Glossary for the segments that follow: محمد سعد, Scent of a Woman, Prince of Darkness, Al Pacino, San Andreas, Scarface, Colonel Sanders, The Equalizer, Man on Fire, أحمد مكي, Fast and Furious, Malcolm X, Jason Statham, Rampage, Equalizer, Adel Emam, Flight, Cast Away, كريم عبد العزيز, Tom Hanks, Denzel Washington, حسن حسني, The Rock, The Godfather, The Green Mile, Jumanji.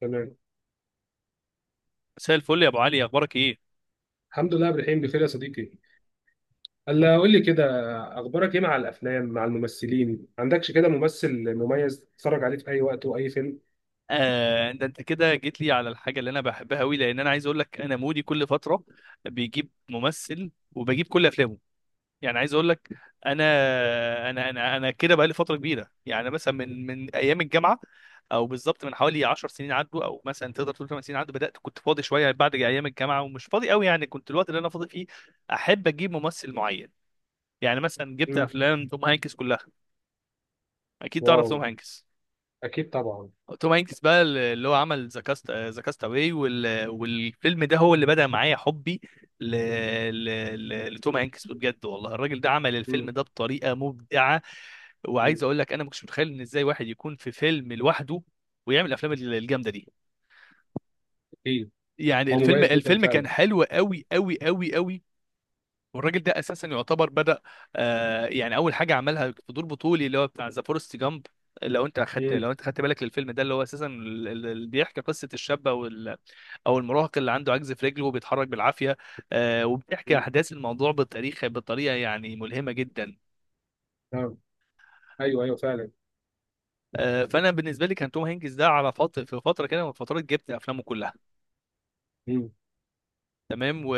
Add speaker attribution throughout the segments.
Speaker 1: تمام.
Speaker 2: مساء الفل يا ابو علي، اخبارك ايه؟
Speaker 1: الحمد لله، عبد الرحيم بخير يا صديقي. هلا قول لي كده، اخبارك ايه مع الافلام؟ مع الممثلين عندكش كده ممثل مميز تتفرج عليه في اي وقت واي فيلم؟
Speaker 2: آه، ده انت كده جيت لي على الحاجه اللي انا بحبها قوي. لان انا عايز اقول لك انا مودي كل فتره بيجيب ممثل وبجيب كل افلامه. يعني عايز اقول لك، انا كده بقالي فتره كبيره. يعني مثلا من ايام الجامعه، او بالظبط من حوالي 10 سنين عدوا، او مثلا تقدر تقول 8 سنين عدوا. بدات كنت فاضي شويه بعد ايام الجامعه ومش فاضي قوي. يعني كنت الوقت اللي انا فاضي فيه احب اجيب ممثل معين. يعني مثلا جبت
Speaker 1: امم.
Speaker 2: افلام توم هانكس كلها. اكيد تعرف
Speaker 1: واو.
Speaker 2: توم هانكس.
Speaker 1: اكيد طبعا.
Speaker 2: توم هانكس بقى اللي هو عمل ذا كاست، ذا كاست اواي. والفيلم ده هو اللي بدأ معايا حبي ل... ل... لتوم هانكس. بجد والله الراجل ده عمل الفيلم
Speaker 1: امم.
Speaker 2: ده بطريقة مبدعة.
Speaker 1: أمم.
Speaker 2: وعايز اقول لك انا ما كنتش متخيل ان ازاي واحد يكون في فيلم لوحده ويعمل الافلام الجامدة دي.
Speaker 1: اكيد.
Speaker 2: يعني
Speaker 1: هو
Speaker 2: الفيلم
Speaker 1: مميز جدا
Speaker 2: الفيلم كان
Speaker 1: فعلا.
Speaker 2: حلو قوي قوي قوي قوي. والراجل ده اساسا يعتبر بدأ، آه، يعني اول حاجة عملها في دور بطولي اللي هو بتاع ذا فورست جامب. لو انت اخدت،
Speaker 1: امم.
Speaker 2: لو انت خدت بالك للفيلم ده، اللي هو اساسا اللي بيحكي قصه الشابه او المراهق اللي عنده عجز في رجله وبيتحرك بالعافيه. وبتحكي
Speaker 1: أمم.
Speaker 2: احداث الموضوع بالتاريخ بطريقه يعني ملهمه جدا.
Speaker 1: نعم. ايوه، ايوه فعلا.
Speaker 2: فانا بالنسبه لي كان توم هانكس ده على فتره، في فتره كده من فترات جبت افلامه كلها.
Speaker 1: امم.
Speaker 2: تمام.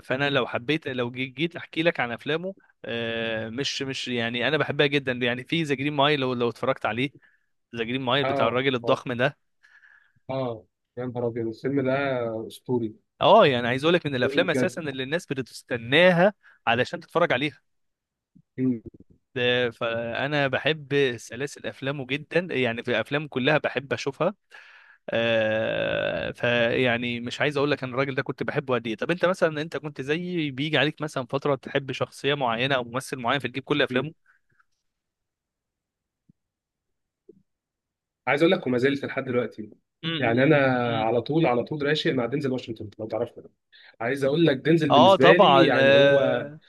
Speaker 2: فانا لو حبيت، لو جيت احكي لك عن افلامه، مش يعني، انا بحبها جدا. يعني في ذا جرين مايل، لو اتفرجت عليه، ذا جرين مايل بتاع
Speaker 1: اه،
Speaker 2: الراجل
Speaker 1: اه،
Speaker 2: الضخم ده.
Speaker 1: اه، يا نهار ابيض الفيلم ده اسطوري.
Speaker 2: اه، يعني عايز اقول لك، من
Speaker 1: اسطوري
Speaker 2: الافلام
Speaker 1: بجد.
Speaker 2: اساسا اللي الناس بتستناها علشان تتفرج عليها.
Speaker 1: أمم.
Speaker 2: فانا بحب سلاسل افلامه جدا. يعني في افلامه كلها بحب اشوفها. فيعني مش عايز اقول لك انا الراجل ده كنت بحبه قد ايه. طب انت مثلا، انت كنت زيي، بيجي عليك مثلا فتره تحب شخصيه معينه او ممثل معين فتجيب كل
Speaker 1: أمم.
Speaker 2: افلامه؟
Speaker 1: عايز اقول لك وما زلت لحد دلوقتي،
Speaker 2: م-
Speaker 1: يعني انا
Speaker 2: م- م.
Speaker 1: على طول على طول راشق مع دينزل واشنطن، لو تعرفه. عايز اقول لك دينزل
Speaker 2: اه
Speaker 1: بالنسبه لي
Speaker 2: طبعا،
Speaker 1: يعني هو...
Speaker 2: آه،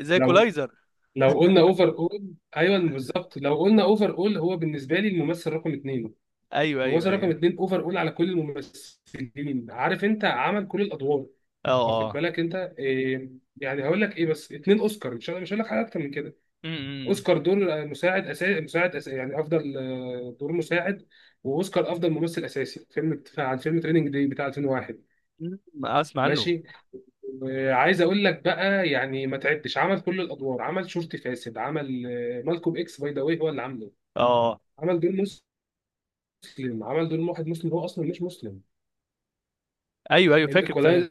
Speaker 2: زي
Speaker 1: لو
Speaker 2: كولايزر.
Speaker 1: لو قلنا اوفر اول، ايوه بالظبط، لو قلنا اوفر اول هو بالنسبه لي الممثل رقم اثنين.
Speaker 2: ايوه ايوه
Speaker 1: الممثل رقم
Speaker 2: ايوه.
Speaker 1: اثنين اوفر اول على كل الممثلين، عارف انت؟ عمل كل الادوار،
Speaker 2: اه
Speaker 1: واخد
Speaker 2: اه.
Speaker 1: بالك انت إيه؟ يعني هقول لك ايه؟ بس اثنين اوسكار، مش هقول لك حاجه اكتر من كده.
Speaker 2: م- م-
Speaker 1: اوسكار دور مساعد اساسي، مساعد أساسي، يعني افضل دور مساعد. واوسكار افضل ممثل اساسي فيلم، عن فيلم تريننج دي بتاع 2001.
Speaker 2: م. اسمع عنه.
Speaker 1: ماشي. وعايز اقول لك بقى يعني ما تعدش، عمل كل الادوار، عمل شرطي فاسد، عمل مالكوم اكس، باي ذا واي هو اللي عامله.
Speaker 2: اه.
Speaker 1: عمل دور مسلم، عمل دور واحد مسلم، هو اصلا مش مسلم.
Speaker 2: ايوه ايوه، فاكر فاكر.
Speaker 1: الايكولايزر،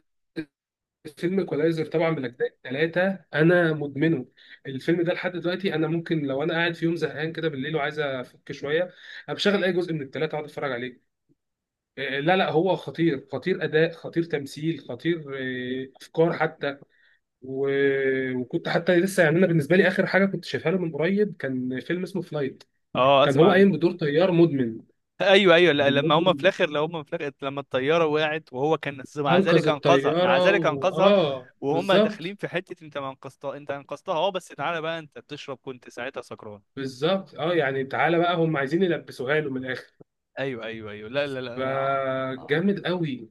Speaker 1: فيلم ايكولايزر طبعا من اجزاء ثلاثه، انا مدمنه الفيلم ده لحد دلوقتي. انا ممكن لو انا قاعد في يوم زهقان كده بالليل وعايز افك شويه، بشغل اي جزء من الثلاثه اقعد اتفرج عليه. لا لا، هو خطير، خطير اداء، خطير تمثيل، خطير افكار حتى. و... وكنت حتى لسه، يعني انا بالنسبه لي اخر حاجه كنت شايفها له من قريب كان فيلم اسمه فلايت.
Speaker 2: اه،
Speaker 1: كان
Speaker 2: اسمع
Speaker 1: هو
Speaker 2: عنه.
Speaker 1: قايم بدور طيار مدمن.
Speaker 2: ايوه ايوه، لا، لما هم في
Speaker 1: مدمن،
Speaker 2: الاخر، لو هم في الاخر لما الطياره وقعت وهو كان مع
Speaker 1: انقذ
Speaker 2: ذلك انقذها، مع
Speaker 1: الطياره،
Speaker 2: ذلك انقذها.
Speaker 1: اه
Speaker 2: وهم داخلين
Speaker 1: بالظبط.
Speaker 2: في حته، انت ما انقذتها، انت انقذتها. اه بس تعالى بقى، انت بتشرب كنت ساعتها سكران.
Speaker 1: بالظبط، اه يعني تعالى بقى هم عايزين يلبسوها له من الاخر.
Speaker 2: ايوه ايوه ايوه، لا لا لا، آه، آه.
Speaker 1: فجامد قوي.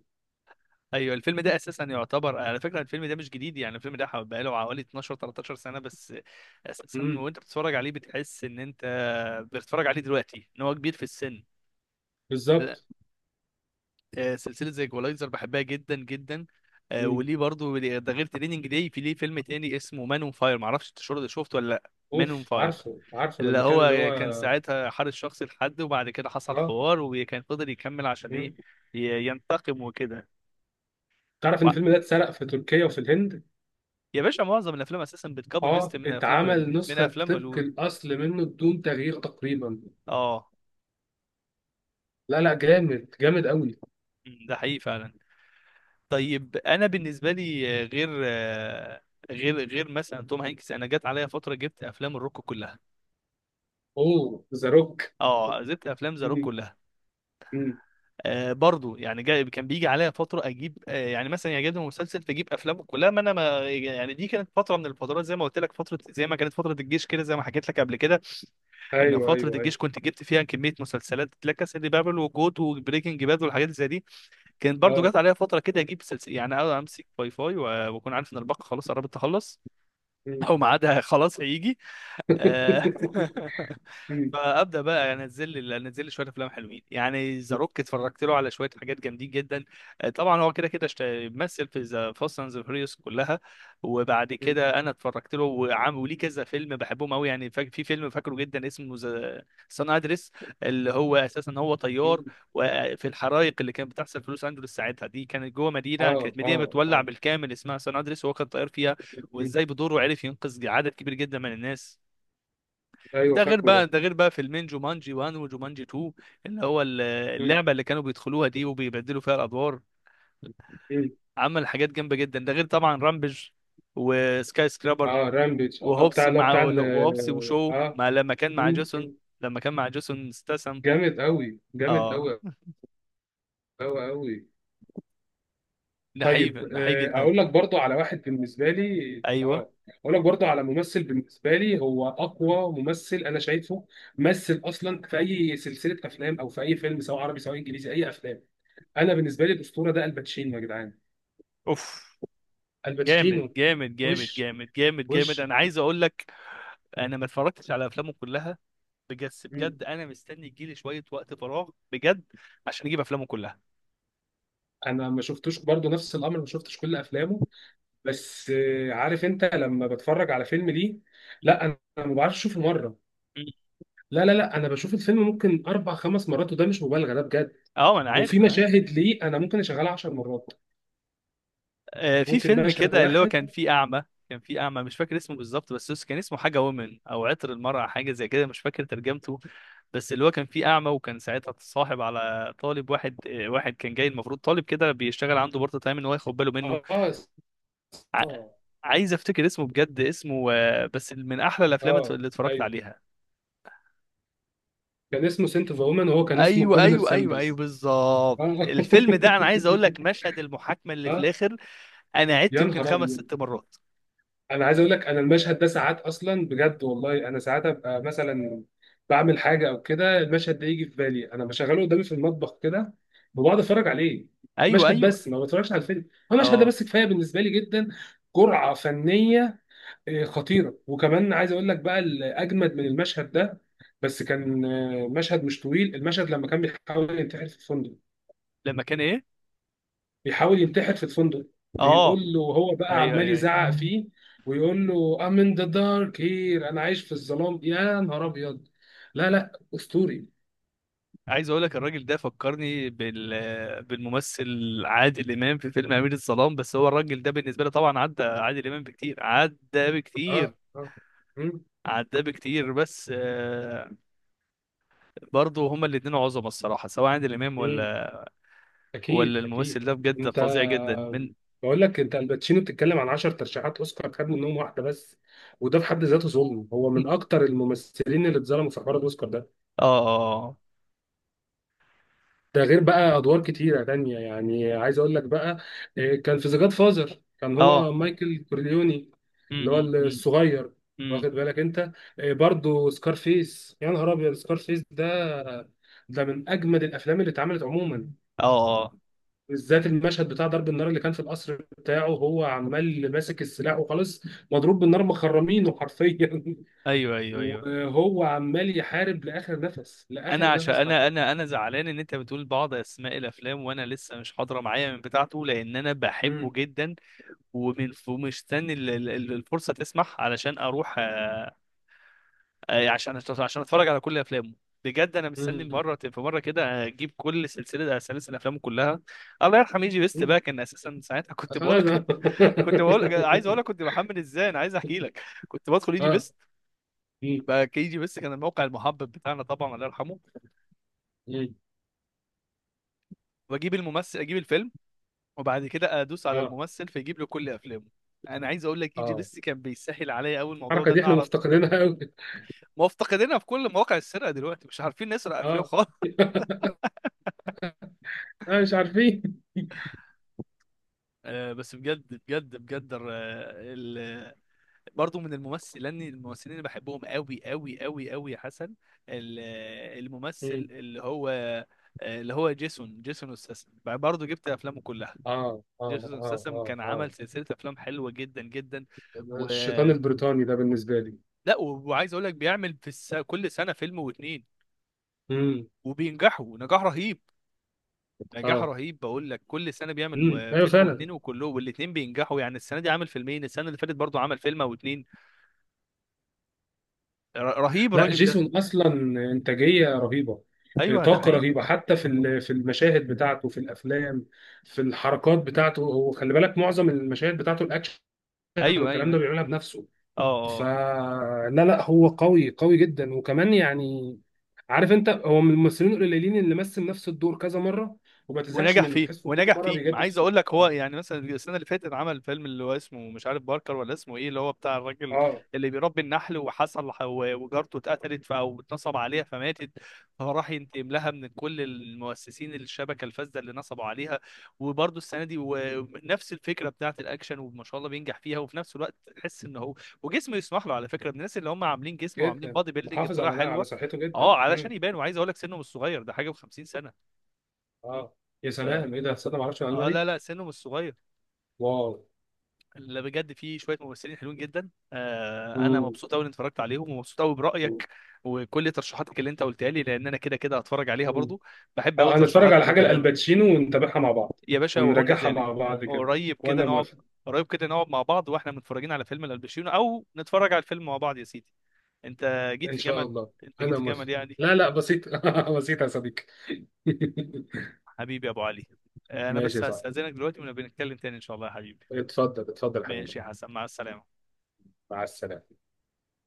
Speaker 2: ايوه، الفيلم ده اساسا يعتبر، على فكره الفيلم ده مش جديد، يعني الفيلم ده بقاله حوالي 12 13 سنه بس اساسا.
Speaker 1: امم.
Speaker 2: وانت بتتفرج عليه بتحس ان انت بتتفرج عليه دلوقتي ان هو كبير في السن.
Speaker 1: بالظبط.
Speaker 2: سلسله زي ايكولايزر بحبها جدا جدا.
Speaker 1: امم.
Speaker 2: وليه برضو، ده غير تريننج داي، في ليه فيلم تاني اسمه مان اون فاير، معرفش انت شفته ولا لا، مان اون
Speaker 1: اوف،
Speaker 2: فاير.
Speaker 1: عارفه، عارفه
Speaker 2: اللي
Speaker 1: لما كان اللي هو...
Speaker 2: هو كان ساعتها حارس شخصي لحد، وبعد كده حصل
Speaker 1: اه.
Speaker 2: حوار وكان فضل يكمل عشان ايه؟
Speaker 1: مم.
Speaker 2: ينتقم وكده.
Speaker 1: تعرف ان
Speaker 2: و-
Speaker 1: الفيلم ده اتسرق في تركيا وفي الهند.
Speaker 2: يا باشا معظم الافلام اساسا بتكوبي
Speaker 1: اه،
Speaker 2: بيست من افلام،
Speaker 1: اتعمل
Speaker 2: من
Speaker 1: نسخة
Speaker 2: افلام
Speaker 1: طبق
Speaker 2: هوليوود.
Speaker 1: الأصل منه بدون تغيير تقريبا.
Speaker 2: اه.
Speaker 1: لا لا، جامد، جامد قوي.
Speaker 2: م، ده حقيقي فعلا. طيب انا بالنسبه لي، غير مثلا توم هانكس، انا جت عليا فتره جبت افلام الروك كلها.
Speaker 1: اوه، ذا روك.
Speaker 2: اه، زبط افلام ذا روك
Speaker 1: مم.
Speaker 2: كلها.
Speaker 1: مم.
Speaker 2: آه برضو، يعني جاي كان بيجي عليا فتره اجيب، آه يعني مثلا، يعجبني مسلسل فاجيب افلامه كلها. ما انا ما يعني، دي كانت فتره من الفترات زي ما قلت لك، فتره زي ما كانت فتره الجيش كده، زي ما حكيت لك قبل كده. ان
Speaker 1: ايوه،
Speaker 2: فتره
Speaker 1: ايوه، ايوه.
Speaker 2: الجيش كنت جبت فيها كميه مسلسلات: لا كاسا دي بابل، وجوت، وبريكنج باد، والحاجات زي دي. كانت برضو
Speaker 1: اه.
Speaker 2: جت عليا فتره كده اجيب سلسله، يعني أقعد امسك واي فاي واكون عارف ان الباقه خلاص قربت تخلص،
Speaker 1: مم.
Speaker 2: او ميعادها خلاص هيجي. آه،
Speaker 1: مم.
Speaker 2: فابدا بقى، يعني انزل لي انزل لي شويه افلام حلوين. يعني ذا روك اتفرجت له على شويه حاجات جامدين جدا. طبعا هو كده كده، مثل في ذا فاست اند فيوريوس كلها. وبعد
Speaker 1: مم.
Speaker 2: كده انا اتفرجت له وعم، وليه كذا فيلم بحبهم قوي. يعني في فيلم فاكره جدا اسمه ذا سان ادريس، اللي هو اساسا هو طيار.
Speaker 1: مم.
Speaker 2: وفي الحرائق اللي كانت بتحصل في لوس انجلوس ساعتها، دي كانت جوه مدينه،
Speaker 1: اه،
Speaker 2: كانت مدينه
Speaker 1: اه،
Speaker 2: بتولع
Speaker 1: اه.
Speaker 2: بالكامل اسمها سان ادريس وهو كان طيار فيها،
Speaker 1: مم.
Speaker 2: وازاي بدوره عرف ينقذ عدد كبير جدا من الناس.
Speaker 1: ايوه، فاكره ده.
Speaker 2: ده غير بقى فيلمين، جومانجي 1 وجومانجي 2، اللي هو
Speaker 1: مم.
Speaker 2: اللعبه اللي كانوا بيدخلوها دي وبيبدلوا فيها الادوار.
Speaker 1: مم.
Speaker 2: عمل حاجات جامده جدا. ده غير طبعا رامبج وسكاي سكرابر،
Speaker 1: اه، رامبيج، اه
Speaker 2: وهوبس
Speaker 1: بتاع اللي هو
Speaker 2: ومع،
Speaker 1: بتاع ال...
Speaker 2: وهوبس وشو،
Speaker 1: اه
Speaker 2: مع لما كان مع
Speaker 1: مم.
Speaker 2: جيسون،
Speaker 1: مم.
Speaker 2: لما كان مع جيسون استسم.
Speaker 1: جامد قوي، جامد
Speaker 2: اه،
Speaker 1: قوي، قوي، قوي. طيب،
Speaker 2: ده حقيقي جدا.
Speaker 1: اقول لك برضو على واحد بالنسبه لي.
Speaker 2: ايوه.
Speaker 1: اه اقول لك برضو على ممثل بالنسبه لي هو اقوى ممثل انا شايفه. مثل اصلا في اي سلسله افلام او في اي فيلم، سواء عربي سواء انجليزي، اي افلام. انا بالنسبه لي الاسطوره ده الباتشينو يا جدعان.
Speaker 2: اوف، جامد
Speaker 1: الباتشينو.
Speaker 2: جامد جامد
Speaker 1: وش،
Speaker 2: جامد جامد جامد.
Speaker 1: وش.
Speaker 2: انا عايز اقول لك، انا ما اتفرجتش على افلامه كلها. بجد
Speaker 1: مم.
Speaker 2: بجد، انا مستني يجيلي شويه وقت فراغ بجد عشان اجيب افلامه كلها.
Speaker 1: انا ما شفتوش برضو نفس الامر، ما شفتش كل افلامه. بس عارف انت، لما بتفرج على فيلم ليه... لا،
Speaker 2: م-
Speaker 1: انا ما بعرفش اشوفه مره.
Speaker 2: م.
Speaker 1: لا، لا، لا، انا بشوف الفيلم ممكن اربع خمس مرات، وده مش مبالغه، ده بجد.
Speaker 2: اه، ما انا
Speaker 1: وفي
Speaker 2: عارف، انا عارف.
Speaker 1: مشاهد ليه انا ممكن اشغلها 10 مرات،
Speaker 2: آه، في
Speaker 1: ممكن
Speaker 2: فيلم
Speaker 1: مشهد
Speaker 2: كده اللي هو
Speaker 1: واحد.
Speaker 2: كان فيه اعمى، كان فيه اعمى، مش فاكر اسمه بالظبط، بس كان اسمه حاجه وومن، او عطر المرأة، حاجه زي كده، مش فاكر ترجمته. بس اللي هو كان فيه اعمى، وكان ساعتها اتصاحب على طالب واحد، آه، واحد كان جاي، المفروض طالب كده بيشتغل عنده بارت تايم ان هو ياخد باله منه.
Speaker 1: اه،
Speaker 2: ع-
Speaker 1: اه،
Speaker 2: عايز افتكر اسمه بجد، اسمه آه، بس من احلى الافلام
Speaker 1: اه.
Speaker 2: اللي اتفرجت
Speaker 1: ايوه،
Speaker 2: عليها.
Speaker 1: كان اسمه سنت اوف وومن وهو كان اسمه
Speaker 2: ايوه
Speaker 1: كولينر
Speaker 2: ايوه ايوه ايوه
Speaker 1: ساندرز.
Speaker 2: بالظبط.
Speaker 1: اه.
Speaker 2: الفيلم ده انا عايز اقول لك، مشهد المحاكمه اللي في
Speaker 1: اه،
Speaker 2: الاخر، انا عدت
Speaker 1: يا
Speaker 2: يمكن
Speaker 1: نهار
Speaker 2: خمس
Speaker 1: ابيض.
Speaker 2: ست مرات.
Speaker 1: انا عايز اقول لك، انا المشهد ده ساعات اصلا بجد والله، انا ساعات ابقى مثلا بعمل حاجه او كده، المشهد ده يجي في بالي انا بشغله قدامي في المطبخ كده وبقعد اتفرج عليه.
Speaker 2: ايوه
Speaker 1: مشهد
Speaker 2: ايوه.
Speaker 1: بس، ما بتفرجش على الفيلم. هو المشهد ده
Speaker 2: اه،
Speaker 1: بس كفايه بالنسبه لي جدا. جرعه فنيه إيه، خطيره. وكمان عايز اقول لك بقى الاجمد من المشهد ده. بس كان مشهد مش طويل، المشهد لما كان بيحاول ينتحر في الفندق.
Speaker 2: لما كان ايه؟
Speaker 1: بيحاول ينتحر في الفندق، بيقول
Speaker 2: اه.
Speaker 1: له هو بقى
Speaker 2: ايوه
Speaker 1: عمال
Speaker 2: ايوه ايوه.
Speaker 1: يزعق فيه ويقول له I'm in the dark here، انا عايش في الظلام، يا نهار ابيض. لا لا، اسطوري.
Speaker 2: عايز اقول لك الراجل ده فكرني بال، بالممثل عادل امام في فيلم امير الظلام. بس هو الراجل ده بالنسبه لي طبعا عدى عادل امام بكتير، عدى
Speaker 1: اه،
Speaker 2: بكتير،
Speaker 1: اه. مم.
Speaker 2: عدى بكتير. بس آه، برضه هما الاثنين عظمه الصراحه، سواء عادل امام
Speaker 1: مم.
Speaker 2: ولا، ولا
Speaker 1: اكيد،
Speaker 2: الممثل
Speaker 1: اكيد.
Speaker 2: ده، بجد
Speaker 1: انت،
Speaker 2: فظيع جدا من.
Speaker 1: بقول لك انت الباتشينو بتتكلم عن 10 ترشيحات اوسكار، خد منهم واحده بس. وده في حد ذاته ظلم، هو من اكتر الممثلين اللي اتظلموا في حوار الاوسكار ده.
Speaker 2: اه اه
Speaker 1: ده غير بقى ادوار كتيره تانية، يعني عايز اقول لك بقى، إيه، كان في ذا جاد فازر، كان
Speaker 2: اه
Speaker 1: هو
Speaker 2: اه.
Speaker 1: مايكل كورليوني.
Speaker 2: أمم،
Speaker 1: اللي هو
Speaker 2: أمم،
Speaker 1: الصغير،
Speaker 2: أمم.
Speaker 1: واخد بالك انت. إيه، برضو سكارفيس، يا نهار ابيض سكارفيس ده. ده من اجمد الافلام اللي اتعملت عموما.
Speaker 2: اه اه.
Speaker 1: بالذات المشهد بتاع ضرب النار اللي كان في القصر بتاعه، هو عمال ماسك السلاح وخلاص. مضروب بالنار، مخرمينه حرفيا.
Speaker 2: ايوه ايوه ايوه.
Speaker 1: وهو عمال يحارب لاخر نفس،
Speaker 2: انا
Speaker 1: لاخر
Speaker 2: عشان،
Speaker 1: نفس
Speaker 2: انا
Speaker 1: حرفيا.
Speaker 2: انا زعلان ان انت بتقول بعض اسماء الافلام وانا لسه مش حاضره معايا من بتاعته، لان انا بحبه
Speaker 1: مم.
Speaker 2: جدا. ومن، ومستني الفرصه تسمح علشان اروح. يعني عشان اتفرج على كل افلامه. بجد انا مستني
Speaker 1: مم.
Speaker 2: مره في مره كده اجيب كل سلسله، آه، سلاسل افلامه كلها. الله يرحم يجي بيست
Speaker 1: مم.
Speaker 2: بقى، كان اساسا ساعتها كنت بقول
Speaker 1: خلاص.
Speaker 2: لك كنت بقول لك عايز اقول لك كنت بحمل ازاي، انا عايز احكي لك. كنت بدخل يجي
Speaker 1: اه.
Speaker 2: بيست.
Speaker 1: مم.
Speaker 2: بقى يجي بيست كان الموقع المحبب بتاعنا طبعا، الله يرحمه.
Speaker 1: مم.
Speaker 2: واجيب الممثل، اجيب الفيلم، وبعد كده ادوس على
Speaker 1: اه،
Speaker 2: الممثل فيجيب له كل افلامه. انا عايز اقول لك ايجي
Speaker 1: اه.
Speaker 2: بس كان بيسهل عليا قوي الموضوع
Speaker 1: الحركه
Speaker 2: ده
Speaker 1: دي
Speaker 2: ان
Speaker 1: احنا
Speaker 2: اعرف.
Speaker 1: مفتقدينها قوي.
Speaker 2: ما هو افتقدنا في كل مواقع السرقه دلوقتي، مش عارفين نسرق افلام
Speaker 1: اه.
Speaker 2: خالص
Speaker 1: مش عارفين.
Speaker 2: آه بس بجد بجد بجد ال... برضه من الممثلين اللي بحبهم قوي قوي قوي قوي يا حسن. ال- الممثل
Speaker 1: مم.
Speaker 2: اللي هو، اللي هو جيسون استسم، برضه جبت افلامه كلها.
Speaker 1: اه، اه،
Speaker 2: جيسون
Speaker 1: اه،
Speaker 2: استسم
Speaker 1: اه،
Speaker 2: كان
Speaker 1: اه.
Speaker 2: عمل سلسله افلام حلوه جدا جدا.
Speaker 1: الشيطان البريطاني ده بالنسبه لي.
Speaker 2: لا وعايز اقول لك بيعمل في كل سنه فيلم واتنين
Speaker 1: مم.
Speaker 2: وبينجحوا نجاح رهيب. نجاح
Speaker 1: اه.
Speaker 2: رهيب، بقول لك كل سنه بيعمل
Speaker 1: مم. ايوه
Speaker 2: فيلم
Speaker 1: فعلا.
Speaker 2: واتنين، وكلهم، والاتنين بينجحوا. يعني السنه دي عامل فيلمين، السنه اللي فاتت برضو عمل فيلم او اتنين. رهيب
Speaker 1: لا،
Speaker 2: الراجل ده.
Speaker 1: جيسون اصلا انتاجيه رهيبه،
Speaker 2: ايوه ده
Speaker 1: طاقه
Speaker 2: حقيقي.
Speaker 1: رهيبه، حتى في المشاهد بتاعته في الافلام، في الحركات بتاعته. هو خلي بالك معظم المشاهد بتاعته الاكشن
Speaker 2: ايوه ايوه
Speaker 1: والكلام ده
Speaker 2: ايوه.
Speaker 1: بيعملها بنفسه.
Speaker 2: اه اه.
Speaker 1: فلا لا لا، هو قوي، قوي جدا، وكمان يعني عارف انت، هو من الممثلين القليلين اللي مثل نفس الدور كذا مره وما تزهقش
Speaker 2: ونجح
Speaker 1: منه،
Speaker 2: فيه،
Speaker 1: تحسه كل
Speaker 2: ونجح
Speaker 1: مره
Speaker 2: فيه. ما
Speaker 1: بيجدد
Speaker 2: عايز
Speaker 1: فيه.
Speaker 2: اقول لك هو
Speaker 1: اه.
Speaker 2: يعني مثلا السنه اللي فاتت عمل فيلم اللي هو اسمه، مش عارف باركر ولا اسمه ايه، اللي هو بتاع الراجل
Speaker 1: آه،
Speaker 2: اللي بيربي النحل وحصل، وجارته اتقتلت، او اتنصب عليها فماتت، فراح ينتقم لها من كل المؤسسين، الشبكه الفاسده اللي نصبوا عليها. وبرده السنه دي ونفس الفكره بتاعت الاكشن وما شاء الله بينجح فيها. وفي نفس الوقت تحس ان هو وجسمه يسمح له على فكره، من الناس اللي هم عاملين جسم وعاملين
Speaker 1: جدا
Speaker 2: بادي بيلدينج
Speaker 1: محافظ
Speaker 2: بطريقه
Speaker 1: على
Speaker 2: حلوه.
Speaker 1: صحته جدا.
Speaker 2: اه، علشان
Speaker 1: مم.
Speaker 2: يبان. وعايز اقول لك سنه مش صغير ده، حاجه و50 سنه.
Speaker 1: اه، يا سلام، ايه ده، تصدق ما اعرفش المعلومه
Speaker 2: اه لا
Speaker 1: دي.
Speaker 2: لا، سنه مش صغير.
Speaker 1: واو.
Speaker 2: اللي بجد فيه شويه ممثلين حلوين جدا. آه انا
Speaker 1: مم.
Speaker 2: مبسوط قوي اني اتفرجت عليهم، ومبسوط قوي برايك وكل ترشيحاتك اللي انت قلتها لي، لان انا كده كده هتفرج عليها
Speaker 1: مم.
Speaker 2: برضو. بحب قوي
Speaker 1: اه، انا اتفرج
Speaker 2: ترشيحاتك
Speaker 1: على حاجه
Speaker 2: وكلامك.
Speaker 1: لالباتشينو ونتابعها مع بعض،
Speaker 2: يا باشا وهو
Speaker 1: ونراجعها
Speaker 2: كذلك.
Speaker 1: مع بعض كده.
Speaker 2: قريب كده
Speaker 1: وانا
Speaker 2: نقعد،
Speaker 1: موافق.
Speaker 2: قريب كده نقعد مع بعض واحنا متفرجين على فيلم الباتشينو، او نتفرج على الفيلم مع بعض يا سيدي. انت جيت
Speaker 1: ان
Speaker 2: في
Speaker 1: شاء
Speaker 2: جمل،
Speaker 1: الله. انا موافق.
Speaker 2: يعني.
Speaker 1: لا لا بسيط، بسيط يا صديقي.
Speaker 2: حبيبي يا ابو علي. آه انا
Speaker 1: ماشي
Speaker 2: بس
Speaker 1: يا صاحبي.
Speaker 2: هستاذنك دلوقتي ونبقى نتكلم تاني ان شاء الله يا حبيبي.
Speaker 1: اتفضل، اتفضل يا حبيبي.
Speaker 2: ماشي يا حسن، مع السلامه.
Speaker 1: مع السلامه.